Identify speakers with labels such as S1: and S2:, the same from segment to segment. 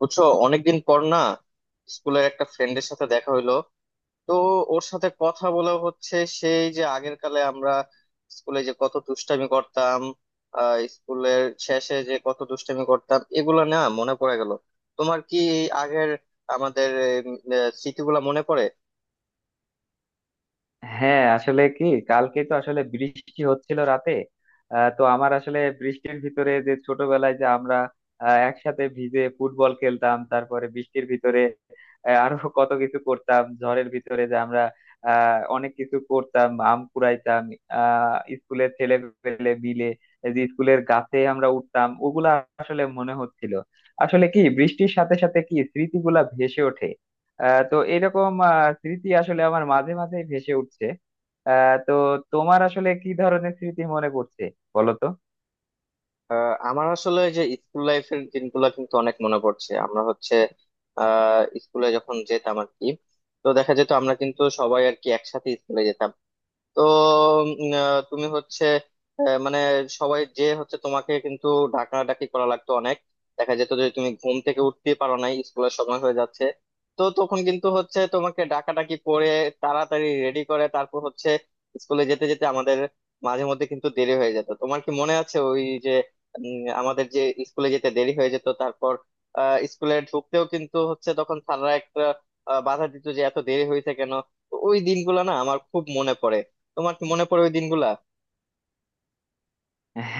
S1: বুঝছো, অনেকদিন পর না স্কুলের একটা ফ্রেন্ডের সাথে দেখা হইলো। তো ওর সাথে কথা বলা হচ্ছে, সেই যে আগের কালে আমরা স্কুলে যে কত দুষ্টামি করতাম, স্কুলের শেষে যে কত দুষ্টামি করতাম এগুলা না মনে পড়ে গেল। তোমার কি এই আগের আমাদের স্মৃতিগুলা মনে পড়ে?
S2: হ্যাঁ, আসলে কি, কালকে তো আসলে বৃষ্টি হচ্ছিল রাতে। তো আমার আসলে বৃষ্টির ভিতরে যে ছোটবেলায় যে আমরা একসাথে ভিজে ফুটবল খেলতাম, তারপরে বৃষ্টির ভিতরে আরো কত কিছু করতাম, ঝড়ের ভিতরে যে আমরা অনেক কিছু করতাম, আম কুড়াইতাম। স্কুলের ছেলে পেলে মিলে এই যে স্কুলের গাছে আমরা উঠতাম, ওগুলা আসলে মনে হচ্ছিল। আসলে কি বৃষ্টির সাথে সাথে কি স্মৃতিগুলা ভেসে ওঠে। তো এরকম স্মৃতি আসলে আমার মাঝে মাঝে ভেসে উঠছে। তো তোমার আসলে কি ধরনের স্মৃতি মনে পড়ছে? বলো তো।
S1: আমার আসলে যে স্কুল লাইফের দিনগুলা কিন্তু অনেক মনে পড়ছে। আমরা হচ্ছে স্কুলে যখন যেতাম আর কি। তো দেখা যেত আমরা কিন্তু সবাই আর কি একসাথে স্কুলে যেতাম। তো তুমি হচ্ছে, মানে সবাই যে হচ্ছে তোমাকে কিন্তু ডাকাডাকি করা লাগতো অনেক। দেখা যেত যে তুমি ঘুম থেকে উঠতে পারো নাই, স্কুলের সময় হয়ে যাচ্ছে। তো তখন কিন্তু হচ্ছে তোমাকে ডাকাডাকি করে তাড়াতাড়ি রেডি করে, তারপর হচ্ছে স্কুলে যেতে যেতে আমাদের মাঝে মধ্যে কিন্তু দেরি হয়ে যেত। তোমার কি মনে আছে ওই যে আমাদের যে স্কুলে যেতে দেরি হয়ে যেত, তারপর স্কুলে ঢুকতেও কিন্তু হচ্ছে তখন স্যাররা একটা বাধা দিত যে এত দেরি হয়েছে কেন। তো ওই দিনগুলো না আমার খুব মনে পড়ে। তোমার কি মনে পড়ে ওই দিনগুলা?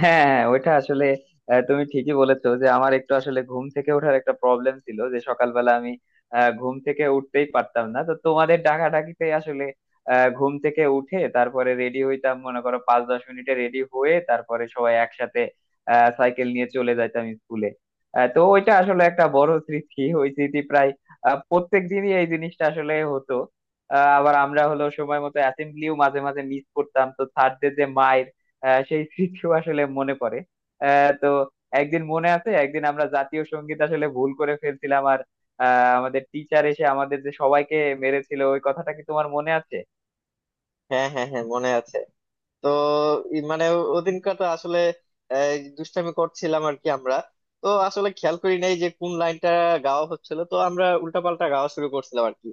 S2: হ্যাঁ, ওইটা আসলে তুমি ঠিকই বলেছো যে আমার একটু আসলে ঘুম থেকে ওঠার একটা প্রবলেম ছিল, যে সকালবেলা আমি ঘুম থেকে উঠতেই পারতাম না। তো তোমাদের ডাকাডাকিতে আসলে ঘুম থেকে উঠে তারপরে রেডি হইতাম, মনে করো 5-10 মিনিটে রেডি হয়ে, তারপরে সবাই একসাথে সাইকেল নিয়ে চলে যাইতাম স্কুলে। তো ওইটা আসলে একটা বড় স্মৃতি, ওই স্মৃতি প্রায় প্রত্যেক দিনই এই জিনিসটা আসলে হতো। আবার আমরা হলো সময় মতো অ্যাসেম্বলিও মাঝে মাঝে মিস করতাম, তো স্যারদের যে মাইর, সেই স্মৃতিও আসলে মনে পড়ে। তো একদিন মনে আছে, একদিন আমরা জাতীয় সঙ্গীত আসলে ভুল করে ফেলছিলাম, আর আমাদের টিচার এসে আমাদের যে সবাইকে মেরেছিল, ওই কথাটা কি তোমার মনে আছে?
S1: হ্যাঁ, হ্যাঁ, হ্যাঁ, মনে আছে। তো মানে ওদিনকার তো আসলে এই, দুষ্টামি করছিলাম আর কি আমরা। তো আসলে খেয়াল করি নাই যে কোন লাইনটা গাওয়া হচ্ছিল, তো আমরা উল্টাপাল্টা গাওয়া শুরু করছিলাম আর কি।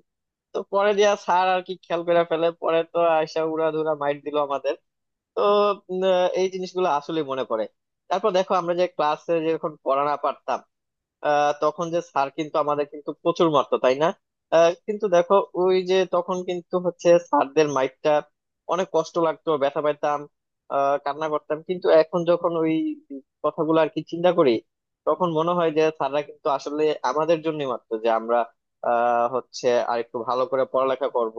S1: তো পরে দিয়া স্যার আর কি খেয়াল করে ফেলে, পরে তো আয়সা উড়াধুরা মাইট দিল আমাদের। তো এই জিনিসগুলো আসলে মনে পড়ে। তারপর দেখো আমরা যে ক্লাসে যখন পড়া না পারতাম তখন যে স্যার কিন্তু আমাদের কিন্তু প্রচুর মারতো, তাই না? কিন্তু দেখো ওই যে তখন কিন্তু হচ্ছে স্যারদের মাইরটা অনেক কষ্ট লাগতো, ব্যথা পাইতাম, কান্না করতাম। কিন্তু এখন যখন ওই কথাগুলো আর কি চিন্তা করি, তখন মনে হয় যে স্যাররা কিন্তু আসলে আমাদের জন্য মারতো, যে আমরা হচ্ছে আর একটু ভালো করে পড়ালেখা করব।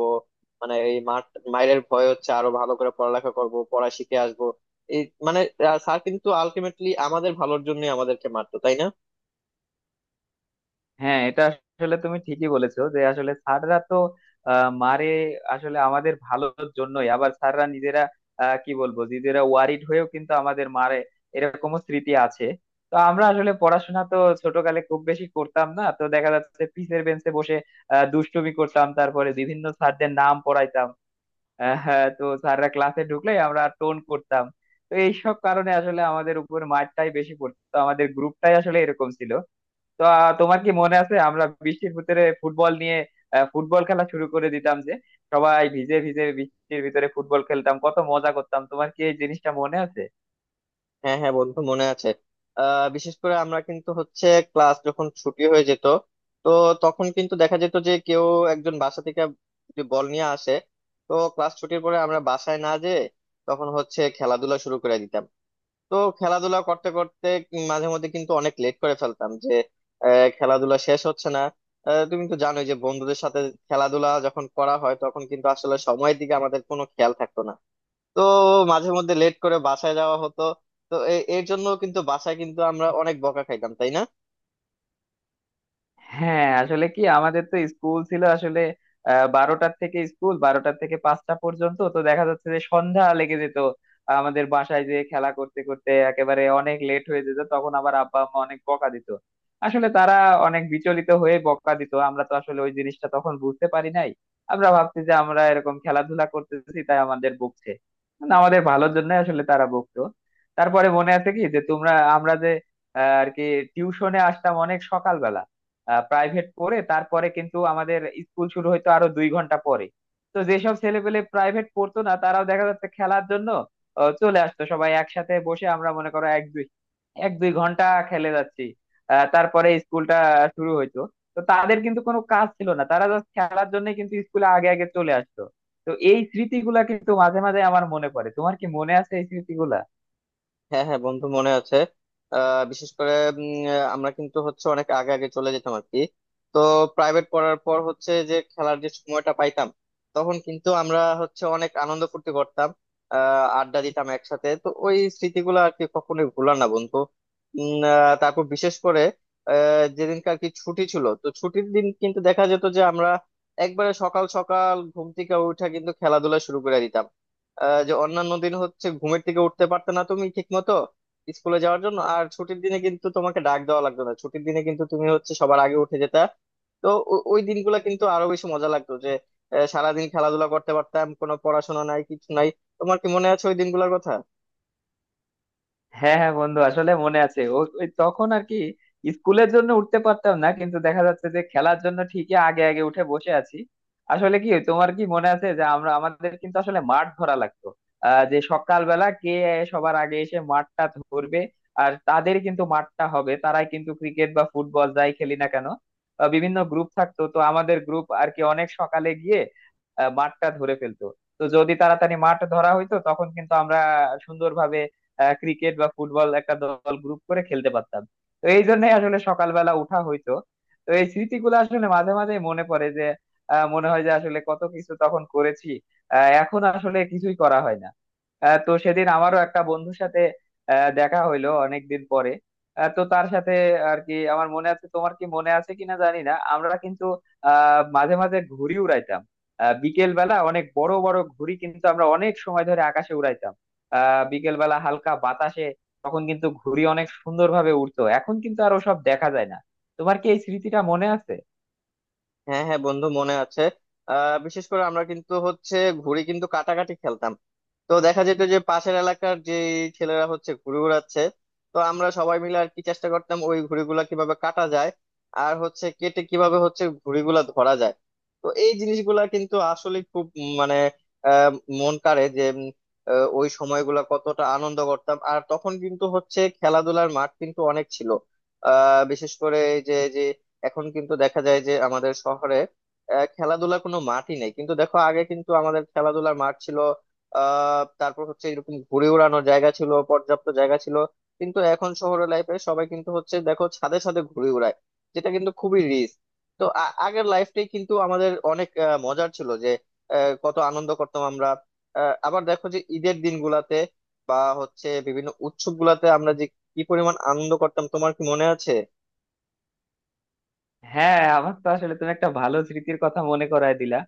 S1: মানে এই মার, মায়ের ভয় হচ্ছে আরো ভালো করে পড়ালেখা করব, পড়া শিখে আসবো। এই মানে, স্যার কিন্তু আলটিমেটলি আমাদের ভালোর জন্য আমাদেরকে মারতো, তাই না?
S2: হ্যাঁ, এটা আসলে তুমি ঠিকই বলেছো যে আসলে স্যাররা তো মারে আসলে আমাদের ভালোর জন্যই। আবার স্যাররা নিজেরা কি বলবো, নিজেরা ওয়ারিড হয়েও কিন্তু আমাদের মারে, এরকমও স্মৃতি আছে। তো আমরা আসলে পড়াশোনা তো ছোটকালে খুব বেশি করতাম না, তো দেখা যাচ্ছে পিসের বেঞ্চে বসে দুষ্টুমি করতাম, তারপরে বিভিন্ন স্যারদের নাম পড়াইতাম। হ্যাঁ, তো স্যাররা ক্লাসে ঢুকলে আমরা টোন করতাম। তো এইসব কারণে আসলে আমাদের উপর মারটাই বেশি পড়তো, আমাদের গ্রুপটাই আসলে এরকম ছিল। তো তোমার কি মনে আছে আমরা বৃষ্টির ভিতরে ফুটবল নিয়ে ফুটবল খেলা শুরু করে দিতাম, যে সবাই ভিজে ভিজে বৃষ্টির ভিতরে ফুটবল খেলতাম, কত মজা করতাম, তোমার কি এই জিনিসটা মনে আছে?
S1: হ্যাঁ, হ্যাঁ, বন্ধু মনে আছে। বিশেষ করে আমরা কিন্তু হচ্ছে ক্লাস যখন ছুটি হয়ে যেত, তো তখন কিন্তু দেখা যেত যে কেউ একজন বাসা থেকে যে বল নিয়ে আসে। তো ক্লাস ছুটির পরে আমরা বাসায় না যেয়ে তখন হচ্ছে খেলাধুলা শুরু করে দিতাম। তো খেলাধুলা করতে করতে মাঝে মধ্যে কিন্তু অনেক লেট করে ফেলতাম যে, খেলাধুলা শেষ হচ্ছে না। তুমি তো জানোই যে বন্ধুদের সাথে খেলাধুলা যখন করা হয় তখন কিন্তু আসলে সময়ের দিকে আমাদের কোনো খেয়াল থাকতো না। তো মাঝে মধ্যে লেট করে বাসায় যাওয়া হতো। তো এর জন্য কিন্তু বাসায় কিন্তু আমরা অনেক বকা খাইতাম, তাই না?
S2: হ্যাঁ, আসলে কি আমাদের তো স্কুল ছিল আসলে বারোটার থেকে, স্কুল 12টার থেকে 5টা পর্যন্ত, তো দেখা যাচ্ছে যে সন্ধ্যা লেগে যেত আমাদের, বাসায় যে খেলা করতে করতে একেবারে অনেক লেট হয়ে যেত, তখন আবার আব্বা আম্মা অনেক বকা দিত। আসলে তারা অনেক বিচলিত হয়ে বকা দিত, আমরা তো আসলে ওই জিনিসটা তখন বুঝতে পারি নাই। আমরা ভাবছি যে আমরা এরকম খেলাধুলা করতেছি তাই আমাদের বকছে, না, আমাদের ভালোর জন্য আসলে তারা বকতো। তারপরে মনে আছে কি যে তোমরা, আমরা যে আর কি টিউশনে আসতাম অনেক সকালবেলা, প্রাইভেট পড়ে তারপরে কিন্তু আমাদের স্কুল শুরু হইতো আরো 2 ঘন্টা পরে। তো যেসব ছেলেপেলে প্রাইভেট পড়তো না তারাও দেখা যাচ্ছে খেলার জন্য চলে আসতো, সবাই একসাথে বসে আমরা মনে করো 1-2 ঘন্টা খেলে যাচ্ছি। তারপরে স্কুলটা শুরু হইতো। তো তাদের কিন্তু কোনো কাজ ছিল না, তারা জাস্ট খেলার জন্য কিন্তু স্কুলে আগে আগে চলে আসতো। তো এই স্মৃতিগুলা কিন্তু মাঝে মাঝে আমার মনে পড়ে, তোমার কি মনে আছে এই স্মৃতিগুলা?
S1: হ্যাঁ, হ্যাঁ, বন্ধু মনে আছে। বিশেষ করে আমরা কিন্তু হচ্ছে অনেক আগে আগে চলে যেতাম আর কি। তো প্রাইভেট পড়ার পর হচ্ছে যে খেলার যে সময়টা পাইতাম, তখন কিন্তু আমরা হচ্ছে অনেক আনন্দ ফুর্তি করতাম, আড্ডা দিতাম একসাথে। তো ওই স্মৃতিগুলো আর কি কখনোই ভুলার না বন্ধু। তারপর বিশেষ করে যেদিনকার কি ছুটি ছিল, তো ছুটির দিন কিন্তু দেখা যেত যে আমরা একবারে সকাল সকাল ঘুম থেকে উঠে কিন্তু খেলাধুলা শুরু করে দিতাম। যে অন্যান্য দিন হচ্ছে ঘুমের থেকে উঠতে পারতে না তুমি ঠিক মতো স্কুলে যাওয়ার জন্য, আর ছুটির দিনে কিন্তু তোমাকে ডাক দেওয়া লাগতো না, ছুটির দিনে কিন্তু তুমি হচ্ছে সবার আগে উঠে যেতা। তো ওই দিনগুলো কিন্তু আরো বেশি মজা লাগতো যে সারাদিন খেলাধুলা করতে পারতাম, কোনো পড়াশোনা নাই কিছু নাই। তোমার কি মনে আছে ওই দিনগুলোর কথা?
S2: হ্যাঁ, হ্যাঁ বন্ধু, আসলে মনে আছে। ও ওই তখন আর কি স্কুলের জন্য উঠতে পারতাম না, কিন্তু দেখা যাচ্ছে যে খেলার জন্য ঠিকই আগে আগে উঠে বসে আছি। আসলে কি তোমার কি মনে আছে যে আমরা, আমাদের কিন্তু আসলে মাঠ ধরা লাগতো যে সকালবেলা কে সবার আগে এসে মাঠটা ধরবে, আর তাদের কিন্তু মাঠটা হবে, তারাই কিন্তু ক্রিকেট বা ফুটবল যাই খেলি না কেন। বিভিন্ন গ্রুপ থাকতো, তো আমাদের গ্রুপ আর কি অনেক সকালে গিয়ে মাঠটা ধরে ফেলতো। তো যদি তাড়াতাড়ি মাঠ ধরা হইতো তখন কিন্তু আমরা সুন্দরভাবে ক্রিকেট বা ফুটবল একটা দল গ্রুপ করে খেলতে পারতাম। তো এই জন্যই আসলে সকালবেলা উঠা হইতো। তো এই স্মৃতিগুলো আসলে মাঝে মাঝে মনে পড়ে, যে মনে হয় যে আসলে কত কিছু তখন করেছি, এখন আসলে কিছুই করা হয় না। তো সেদিন আমারও একটা বন্ধুর সাথে দেখা হইলো অনেকদিন পরে। তো তার সাথে আর কি আমার মনে আছে, তোমার কি মনে আছে কিনা জানি না, আমরা কিন্তু মাঝে মাঝে ঘুড়ি উড়াইতাম। বিকেল বেলা অনেক বড় বড় ঘুড়ি কিন্তু আমরা অনেক সময় ধরে আকাশে উড়াইতাম। বিকেলবেলা হালকা বাতাসে তখন কিন্তু ঘুড়ি অনেক সুন্দরভাবে উড়তো, এখন কিন্তু আর ওসব দেখা যায় না। তোমার কি এই স্মৃতিটা মনে আছে?
S1: হ্যাঁ, হ্যাঁ, বন্ধু মনে আছে। বিশেষ করে আমরা কিন্তু হচ্ছে ঘুড়ি কিন্তু কাটাকাটি খেলতাম। তো দেখা যেত যে পাশের এলাকার যে ছেলেরা হচ্ছে ঘুড়ি উড়াচ্ছে, তো আমরা সবাই মিলে আর কি চেষ্টা করতাম ওই ঘুড়িগুলা কিভাবে কাটা যায় আর হচ্ছে কেটে কিভাবে হচ্ছে ঘুড়িগুলা ধরা যায়। তো এই জিনিসগুলা কিন্তু আসলে খুব মানে আহ মন কাড়ে, যে ওই সময়গুলা কতটা আনন্দ করতাম। আর তখন কিন্তু হচ্ছে খেলাধুলার মাঠ কিন্তু অনেক ছিল, বিশেষ করে এই যে যে এখন কিন্তু দেখা যায় যে আমাদের শহরে খেলাধুলার কোনো মাঠই নেই। কিন্তু দেখো আগে কিন্তু আমাদের খেলাধুলার মাঠ ছিল, তারপর হচ্ছে এরকম ঘুড়ি ওড়ানোর জায়গা ছিল, পর্যাপ্ত জায়গা ছিল। কিন্তু এখন শহরের লাইফে সবাই কিন্তু হচ্ছে দেখো ছাদে ছাদে ঘুড়ি ওড়ায়, যেটা কিন্তু খুবই রিস্ক। তো আগের লাইফটাই কিন্তু আমাদের অনেক মজার ছিল যে কত আনন্দ করতাম আমরা। আবার দেখো যে ঈদের দিনগুলাতে বা হচ্ছে বিভিন্ন উৎসব গুলাতে আমরা যে কি পরিমাণ আনন্দ করতাম, তোমার কি মনে আছে?
S2: হ্যাঁ, আমার তো আসলে তুমি একটা ভালো স্মৃতির কথা মনে করায় দিলা।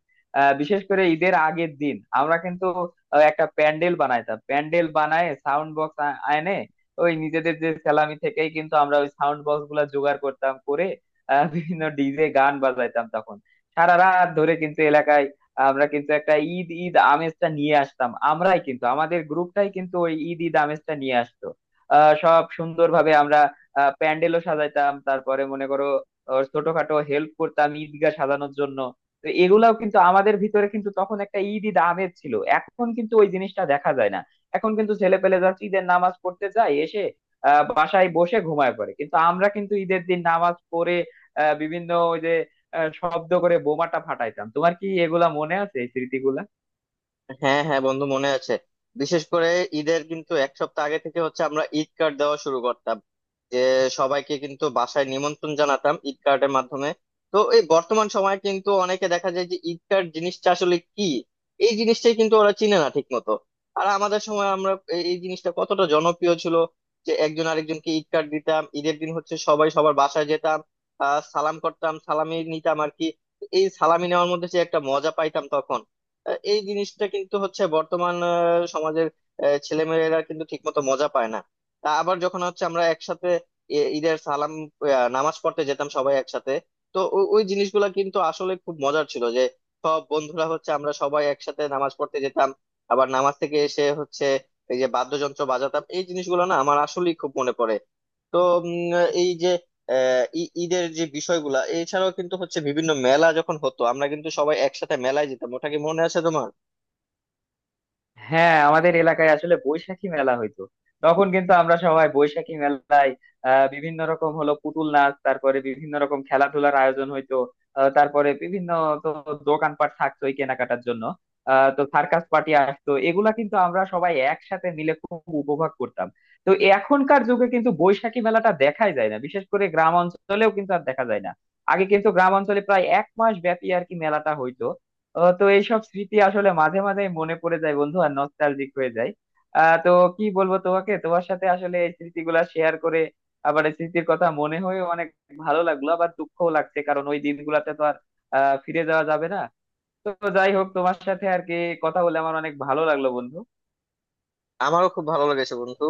S2: বিশেষ করে ঈদের আগের দিন আমরা কিন্তু একটা প্যান্ডেল বানাইতাম, প্যান্ডেল বানায় সাউন্ড বক্স আনে। ওই নিজেদের যে স্যালামি থেকেই কিন্তু আমরা ওই সাউন্ড বক্স গুলা জোগাড় করতাম, করে বিভিন্ন ডিজে গান বাজাইতাম তখন। সারা রাত ধরে কিন্তু এলাকায় আমরা কিন্তু একটা ঈদ ঈদ আমেজটা নিয়ে আসতাম, আমরাই কিন্তু আমাদের গ্রুপটাই কিন্তু ওই ঈদ ঈদ আমেজটা নিয়ে আসতো। সব সুন্দরভাবে আমরা প্যান্ডেলও সাজাইতাম, তারপরে মনে করো ওর ছোটখাটো হেল্প করতাম ঈদগাহ সাজানোর জন্য। তো এগুলাও কিন্তু আমাদের ভিতরে কিন্তু তখন একটা ঈদ ঈদ আমেজ ছিল, এখন কিন্তু ওই জিনিসটা দেখা যায় না। এখন কিন্তু ছেলে পেলে যাচ্ছে, ঈদের নামাজ পড়তে যায় এসে বাসায় বসে ঘুমায় পড়ে, কিন্তু আমরা কিন্তু ঈদের দিন নামাজ পড়ে বিভিন্ন ওই যে শব্দ করে বোমাটা ফাটাইতাম। তোমার কি এগুলা মনে আছে, এই স্মৃতিগুলা?
S1: হ্যাঁ, হ্যাঁ, বন্ধু মনে আছে। বিশেষ করে ঈদের কিন্তু এক সপ্তাহ আগে থেকে হচ্ছে আমরা ঈদ কার্ড দেওয়া শুরু করতাম, যে সবাইকে কিন্তু বাসায় নিমন্ত্রণ জানাতাম ঈদ কার্ডের মাধ্যমে। তো এই বর্তমান সময়ে কিন্তু অনেকে দেখা যায় যে ঈদ কার্ড জিনিসটা আসলে কি, এই জিনিসটাই কিন্তু ওরা চিনে না ঠিক মতো। আর আমাদের সময় আমরা এই এই জিনিসটা কতটা জনপ্রিয় ছিল, যে একজন আরেকজনকে ঈদ কার্ড দিতাম। ঈদের দিন হচ্ছে সবাই সবার বাসায় যেতাম, সালাম করতাম সালামি নিতাম আর কি। এই সালামি নেওয়ার মধ্যে যে একটা মজা পাইতাম তখন, এই জিনিসটা কিন্তু হচ্ছে বর্তমান সমাজের ছেলে মেয়েরা কিন্তু ঠিকমতো মজা পায় না। তা আবার যখন হচ্ছে আমরা একসাথে ঈদের সালাম, নামাজ পড়তে যেতাম সবাই একসাথে। তো ওই জিনিসগুলো কিন্তু আসলে খুব মজার ছিল যে সব বন্ধুরা হচ্ছে আমরা সবাই একসাথে নামাজ পড়তে যেতাম। আবার নামাজ থেকে এসে হচ্ছে এই যে বাদ্যযন্ত্র বাজাতাম, এই জিনিসগুলো না আমার আসলেই খুব মনে পড়ে। তো এই যে ঈদের যে বিষয়গুলা এছাড়াও কিন্তু হচ্ছে বিভিন্ন মেলা যখন হতো আমরা কিন্তু সবাই একসাথে মেলায় যেতাম, ওটা কি মনে আছে তোমার?
S2: হ্যাঁ, আমাদের এলাকায় আসলে বৈশাখী মেলা হইতো, তখন কিন্তু আমরা সবাই বৈশাখী মেলায় বিভিন্ন রকম হলো পুতুল নাচ, তারপরে বিভিন্ন রকম খেলাধুলার আয়োজন হইতো। তারপরে বিভিন্ন, তো দোকানপাট থাকতোই কেনাকাটার জন্য। তো সার্কাস পার্টি আসতো, এগুলা কিন্তু আমরা সবাই একসাথে মিলে খুব উপভোগ করতাম। তো এখনকার যুগে কিন্তু বৈশাখী মেলাটা দেখাই যায় না, বিশেষ করে গ্রাম অঞ্চলেও কিন্তু আর দেখা যায় না। আগে কিন্তু গ্রাম অঞ্চলে প্রায় এক মাস ব্যাপী আর কি মেলাটা হইতো। তো এইসব স্মৃতি আসলে মাঝে মাঝে মনে পড়ে যায় বন্ধু, আর নস্টালজিক হয়ে যায়। তো কি বলবো তোমাকে, তোমার সাথে আসলে এই স্মৃতিগুলা শেয়ার করে আবার এই স্মৃতির কথা মনে হয়ে অনেক ভালো লাগলো, আবার দুঃখও লাগছে কারণ ওই দিনগুলাতে তো আর ফিরে যাওয়া যাবে না। তো যাই হোক, তোমার সাথে আর কি কথা বলে আমার অনেক ভালো লাগলো বন্ধু।
S1: আমারও খুব ভালো লেগেছে বন্ধু।